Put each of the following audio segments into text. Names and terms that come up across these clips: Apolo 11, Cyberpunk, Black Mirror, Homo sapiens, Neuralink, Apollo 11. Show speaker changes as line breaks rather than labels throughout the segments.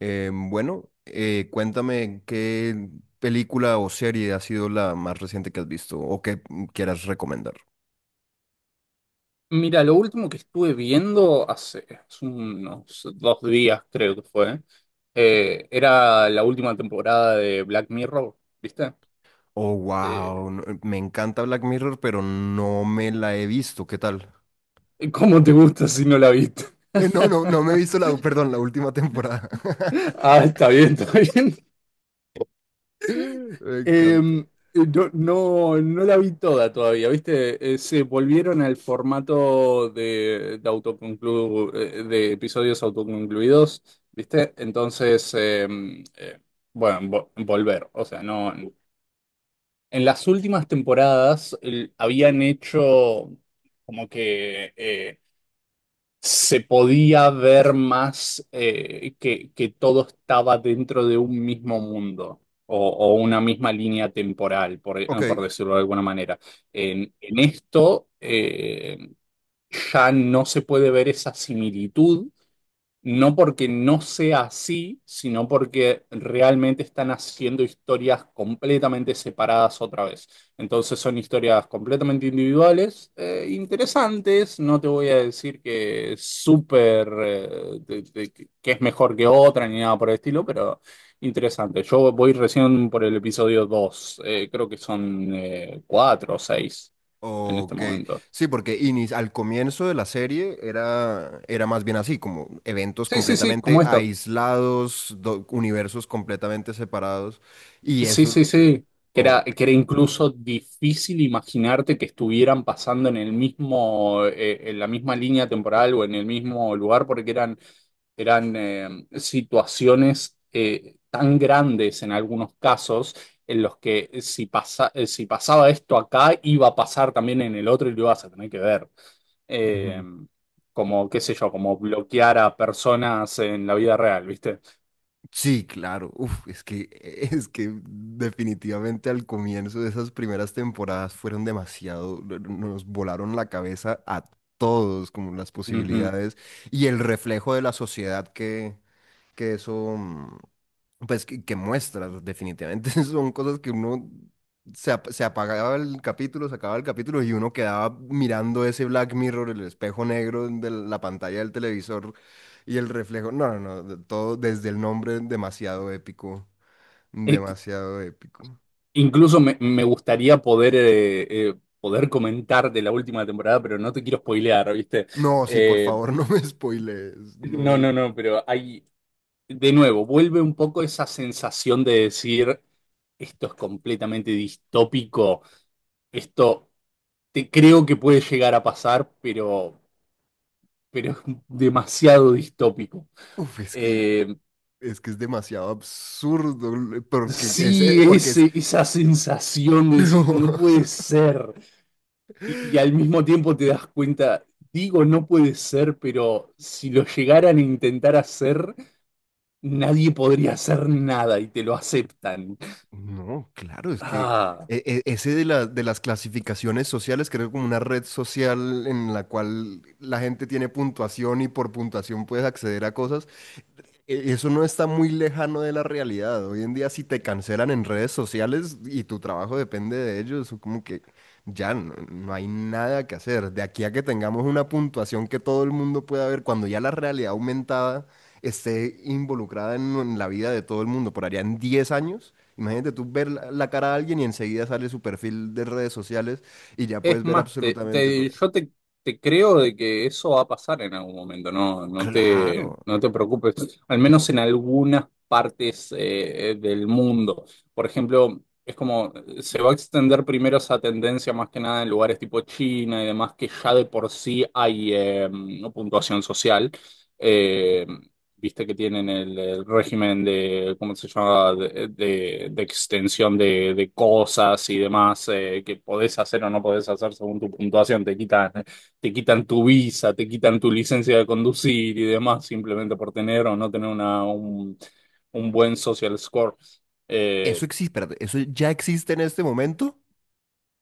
Bueno, cuéntame qué película o serie ha sido la más reciente que has visto o que quieras recomendar.
Mira, lo último que estuve viendo hace unos 2 días, creo que fue, era la última temporada de Black Mirror, ¿viste?
Oh,
Eh,
wow, me encanta Black Mirror, pero no me la he visto. ¿Qué tal?
¿Cómo te gusta si no la viste?
No, no, no me he visto la, perdón, la última temporada.
Ah, está bien, está bien.
Me encanta.
Em, no, no, no la vi toda todavía, ¿viste? Se volvieron al formato autoconclu- de episodios autoconcluidos, ¿viste? Entonces, bueno, volver. O sea, no. En las últimas temporadas habían hecho como que, se podía ver más que todo estaba dentro de un mismo mundo o una misma línea temporal, por
Ok.
decirlo de alguna manera. En esto ya no se puede ver esa similitud no porque no sea así, sino porque realmente están haciendo historias completamente separadas otra vez. Entonces son historias completamente individuales, interesantes. No te voy a decir que es súper, que es mejor que otra ni nada por el estilo, pero interesante. Yo voy recién por el episodio 2. Creo que son cuatro o seis en este
Ok,
momento.
sí, porque al comienzo de la serie era, era más bien así, como eventos
Sí, sí, sí,
completamente
como esta.
aislados, universos completamente separados, y
Sí, sí,
eso...
sí. Que
o-
era, que era incluso difícil imaginarte que estuvieran pasando en el mismo, en la misma línea temporal o en el mismo lugar, porque eran, eran situaciones tan grandes en algunos casos en los que si pasa, si pasaba esto acá, iba a pasar también en el otro y lo ibas a tener que ver. Eh,
Ujú.
como, qué sé yo, como bloquear a personas en la vida real, ¿viste?
Sí, claro, uf, es que, es que definitivamente al comienzo de esas primeras temporadas fueron demasiado, nos volaron la cabeza a todos, como las
Ujú.
posibilidades y el reflejo de la sociedad que eso, pues, que muestras, definitivamente, son cosas que uno se apagaba el capítulo, se acababa el capítulo y uno quedaba mirando ese Black Mirror, el espejo negro de la pantalla del televisor y el reflejo. No, no, no, de- todo desde el nombre, demasiado épico,
Eh,
demasiado épico.
Incluso me, me gustaría poder, poder comentar de la última temporada, pero no te quiero spoilear, ¿viste?
No, sí, por
Eh,
favor, no me spoilees, no
no,
es
no, no, pero hay, de nuevo, vuelve un poco esa sensación de decir, esto es completamente distópico, esto te creo que puede llegar a pasar, pero es demasiado distópico.
Uf,
Eh,
es que es demasiado absurdo, porque
sí,
porque es.
ese, esa sensación de decir, no
No.
puede ser. Y al mismo tiempo te das cuenta, digo, no puede ser, pero si lo llegaran a intentar hacer, nadie podría hacer nada y te lo aceptan.
No, claro, es que
Ah.
ese de las clasificaciones sociales, creo como una red social en la cual la gente tiene puntuación y por puntuación puedes acceder a cosas. E- Eso no está muy lejano de la realidad. Hoy en día, si te cancelan en redes sociales y tu trabajo depende de ellos, como que ya no, no hay nada que hacer. De aquí a que tengamos una puntuación que todo el mundo pueda ver, cuando ya la realidad aumentada esté involucrada en la vida de todo el mundo, por allá en 10 años, imagínate tú ver la, la cara de alguien y enseguida sale su perfil de redes sociales y ya
Es
puedes ver
más,
absolutamente todo.
yo te creo de que eso va a pasar en algún momento, no, no te,
Claro,
no te preocupes, al menos en algunas partes del mundo. Por ejemplo, es como se va a extender primero esa tendencia más que nada en lugares tipo China y demás, que ya de por sí hay puntuación social. Eh, viste que tienen el régimen de, ¿cómo se llama?, de extensión de cosas y demás que podés hacer o no podés hacer según tu puntuación. Te quitan tu visa, te quitan tu licencia de conducir y demás simplemente por tener o no tener una, un buen social score. Eh,
eso existe, espérate, eso ya existe en este momento.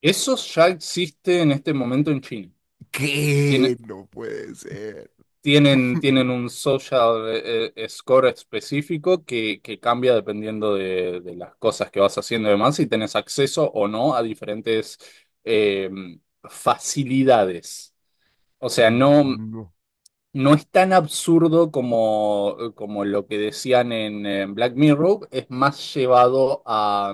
eso ya existe en este momento en China.
¿Qué?
Tiene-
No puede ser.
tienen un social score específico que cambia dependiendo de las cosas que vas haciendo y demás, si tenés acceso o no a diferentes eh, facilidades. O sea, no,
No,
no es tan absurdo como, como lo que decían en, Black Mirror, es más llevado a,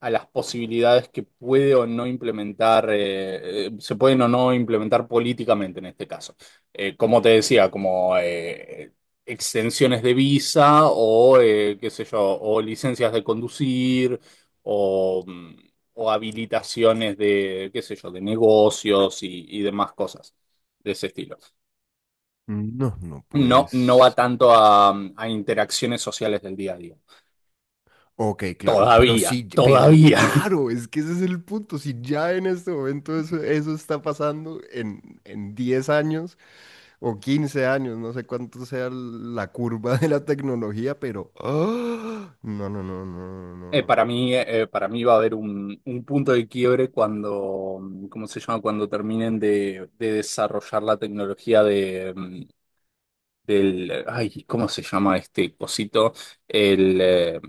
a las posibilidades que puede o no implementar, se pueden o no implementar políticamente en este caso. Como te decía, como extensiones de visa o, qué sé yo, o licencias de conducir o, mm, o habilitaciones de, qué sé yo, de negocios y demás cosas de ese estilo.
no, no
No, no va
puedes.
tanto a interacciones sociales del día a día.
Ok, claro, pero
Todavía,
sí, pero
todavía.
claro, es que ese es el punto. Si ya en este momento eso está pasando en 10 años o 15 años, no sé cuánto sea la curva de la tecnología, pero... ¡ah! No, no, no, no, no,
Eh,
no.
para
no.
mí, eh, eh, para mí va a haber un punto de quiebre cuando, ¿cómo se llama? Cuando terminen de desarrollar la tecnología de, del, ay, ¿cómo se llama este cosito? El, eh,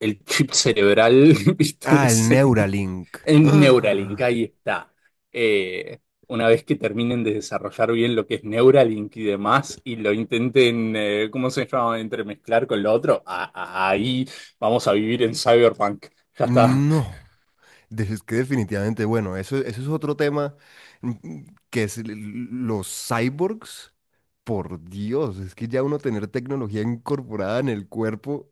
el chip cerebral, ¿viste?
Ah, el
Ese.
Neuralink.
En Neuralink,
Ah,
ahí está. Eh, una vez que terminen de desarrollar bien lo que es Neuralink y demás, y lo intenten, ¿cómo se llama?, entremezclar con lo otro, ahí vamos a vivir en Cyberpunk. Ya está.
no. Es que definitivamente, bueno, eso es otro tema mm, que es los cyborgs. Por Dios, es que ya uno tener tecnología incorporada en el cuerpo,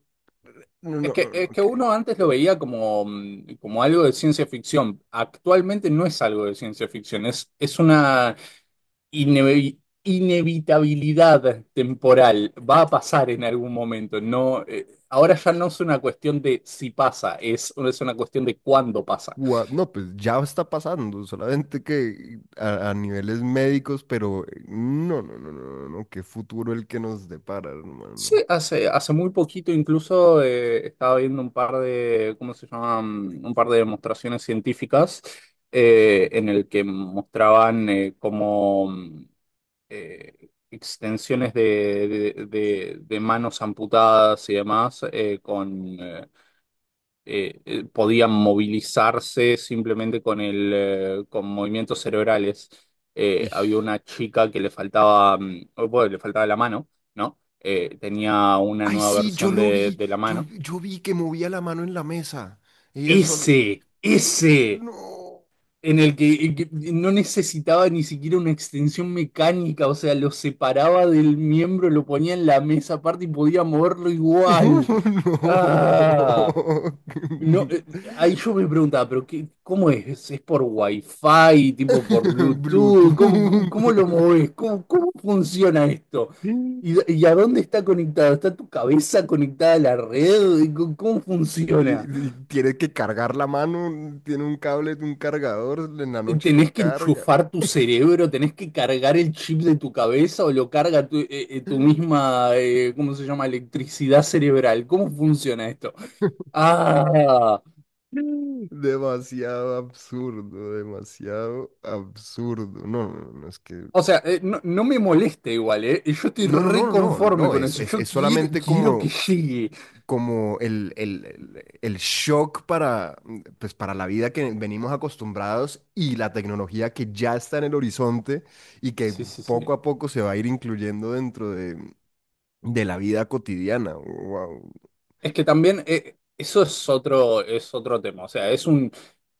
no,
Es
no,
que,
no, no,
es que
que.
uno antes lo veía como algo de ciencia ficción. Actualmente no es algo de ciencia ficción, es una inevi- inevitabilidad temporal. Va a pasar en algún momento. No, ahora ya no es una cuestión de si pasa, es una cuestión de cuándo pasa.
No, pues ya está pasando, solamente que a niveles médicos, pero no, no, no, no, no, no, qué futuro el que nos depara,
Sí,
hermano.
hace muy poquito incluso estaba viendo un par de, ¿cómo se llaman? Un par de demostraciones científicas en el que mostraban extensiones de, de manos amputadas y demás podían movilizarse simplemente con movimientos cerebrales. Había
Ish.
una chica que le faltaba, oh, bueno, le faltaba la mano, ¿no? Tenía una
Ay,
nueva
sí, yo
versión
lo
de,
vi,
de la
yo,
mano.
yo vi que movía la mano en la mesa. Ella sola.
Ese,
¿Qué?
ese.
No.
En el que, en que no necesitaba ni siquiera una extensión mecánica, o sea, lo separaba del miembro, lo ponía en la mesa aparte y podía moverlo igual.
No.
Ah, no, ahí yo me preguntaba, pero qué, ¿cómo es? ¿Es por Wi-Fi, tipo por Bluetooth? ¿Cómo, cómo,
Bluetooth.
cómo lo movés? ¿Cómo funciona esto? ¿Y,
Y-
y a dónde está conectado? ¿Está tu cabeza conectada a la red? ¿Cómo funciona?
Tiene que cargar la mano, tiene un cable de un cargador, en la noche lo
Tenés que
carga.
enchufar tu cerebro, tenés que cargar el chip de tu cabeza o lo carga tu misma, ¿cómo se llama? Electricidad cerebral. ¿Cómo funciona esto? Ah,
Demasiado absurdo, demasiado absurdo. No, no, no, no, es que.
o sea, no, no me molesta igual, ¿eh? Yo estoy
No, no, no, no, no,
reconforme
no,
con eso. Yo
es
quiero,
solamente
quiero que
como
llegue.
como el shock para, pues, para la vida que venimos acostumbrados y la tecnología que ya está en el horizonte y que
Sí, sí, sí.
poco a poco se va a ir incluyendo dentro de la vida cotidiana. Wow,
Es que también eso es otro tema. O sea, es un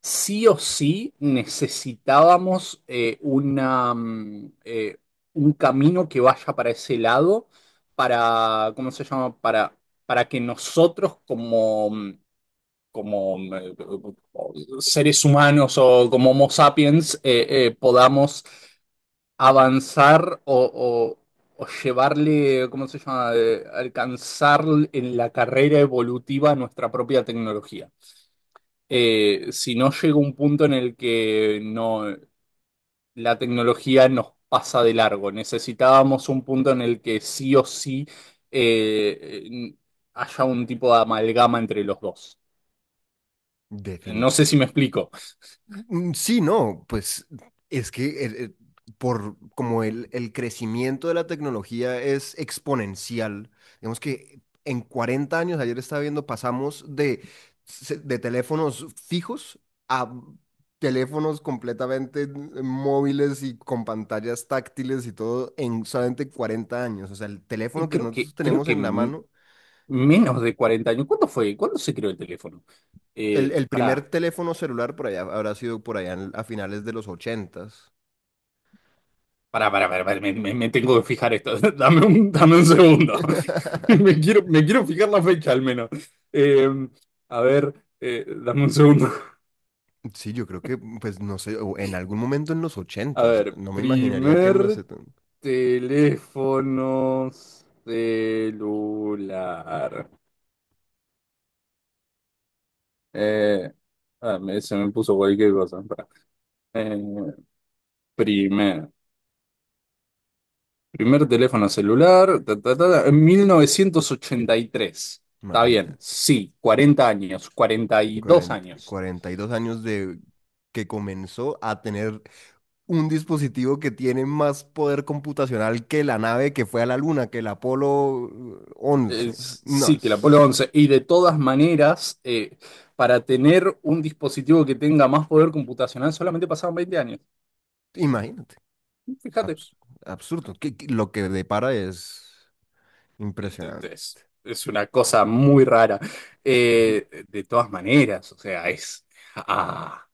sí o sí necesitábamos un camino que vaya para ese lado, para, ¿cómo se llama? Para que nosotros como mm, eh, seres humanos o como Homo sapiens podamos avanzar o llevarle, ¿cómo se llama?, alcanzar en la carrera evolutiva nuestra propia tecnología. Si no llega un punto en el que no, la tecnología nos pasa de largo, necesitábamos un punto en el que sí o sí eh, eh, haya un tipo de amalgama entre los dos. No sé si
definitivo.
me explico.
Sí, no, pues es que por como el crecimiento de la tecnología es exponencial, digamos que en 40 años, ayer estaba viendo, pasamos de, de teléfonos fijos a teléfonos completamente móviles y con pantallas táctiles y todo en solamente 40 años. O sea, el teléfono
Y
que
Creo
nosotros
que, creo
tenemos
que
en la
m-
mano,
menos de 40 años. ¿Cuándo fue? ¿Cuándo se creó el teléfono? Eh,
el primer
pará.
teléfono celular por allá habrá sido por allá a finales de los ochentas.
Para Me, me tengo que fijar esto. Dame un segundo. Me quiero, me quiero fijar la fecha al menos. Eh, a ver, dame un segundo.
Sí, yo creo que, pues no sé, o en algún momento en los
A
ochentas,
ver,
no me imaginaría que en los
primer teléfono celular. Eh, ah, se me puso cualquier cosa. Pará. Eh, primer. Primer teléfono celular, ta, ta, ta, ta, en 1983. Está bien,
imagínate,
sí, 40 años, 42
cuarenta,
años.
cuarenta y dos años de que comenzó a tener un dispositivo que tiene más poder computacional que la nave que fue a la luna, que el Apolo 11.
Es-
No,
sí, que el Apolo
es-
once Y de todas maneras, para tener un dispositivo que tenga más poder computacional, solamente pasaban 20 años.
imagínate,
Fíjate,
abs- absurdo, que lo que depara es impresionante.
es una cosa muy rara. De todas maneras, o sea, ah,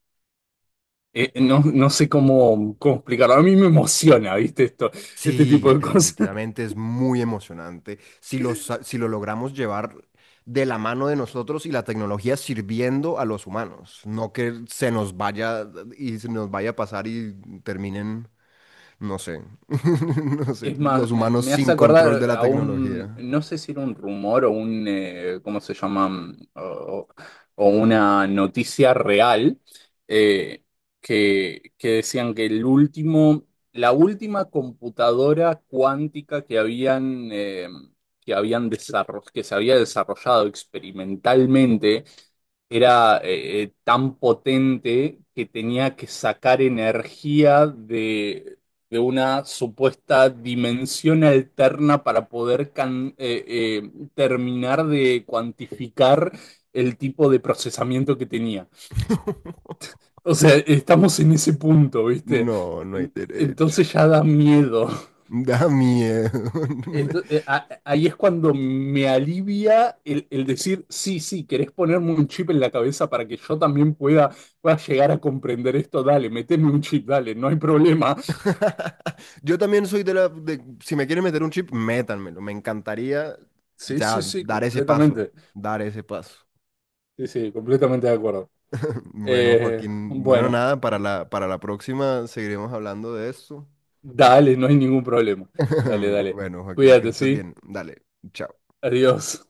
no, no sé cómo explicarlo. A mí me emociona, ¿viste? Esto, este tipo
Sí,
de cosas.
definitivamente es muy emocionante. Si si lo logramos llevar de la mano de nosotros y la tecnología sirviendo a los humanos, no que se nos vaya y se nos vaya a pasar y terminen, no sé, no sé,
Es
los
más, me,
humanos
me
sin
hace
control de
acordar
la
a
tecnología.
no sé si era un rumor o ¿cómo se llaman? O una noticia real, eh, que decían que el último, la última computadora cuántica que habían desarrollado, que se había desarrollado experimentalmente, era tan potente que tenía que sacar energía de una supuesta dimensión alterna para poder terminar de cuantificar el tipo de procesamiento que tenía. O sea, estamos en ese punto, ¿viste?
No, no hay derecho.
Entonces ya da miedo.
Da miedo.
Ento- eh, a- ahí es cuando me alivia el decir, sí, sí, querés ponerme un chip en la cabeza para que yo también pueda, pueda llegar a comprender esto, dale, meteme un chip, dale, no hay problema.
Yo también soy de la... si me quieren meter un chip, métanmelo. Me encantaría
Sí,
ya
sí, sí,
dar ese paso,
completamente.
dar ese paso.
Sí, sí, completamente de acuerdo.
Bueno,
Eh,
Joaquín, bueno,
bueno,
nada, para la próxima seguiremos hablando de esto.
dale, no hay ningún problema. Dale, dale.
Bueno, Joaquín, que
Cuídate,
estés
¿sí?
bien. Dale, chao.
Adiós.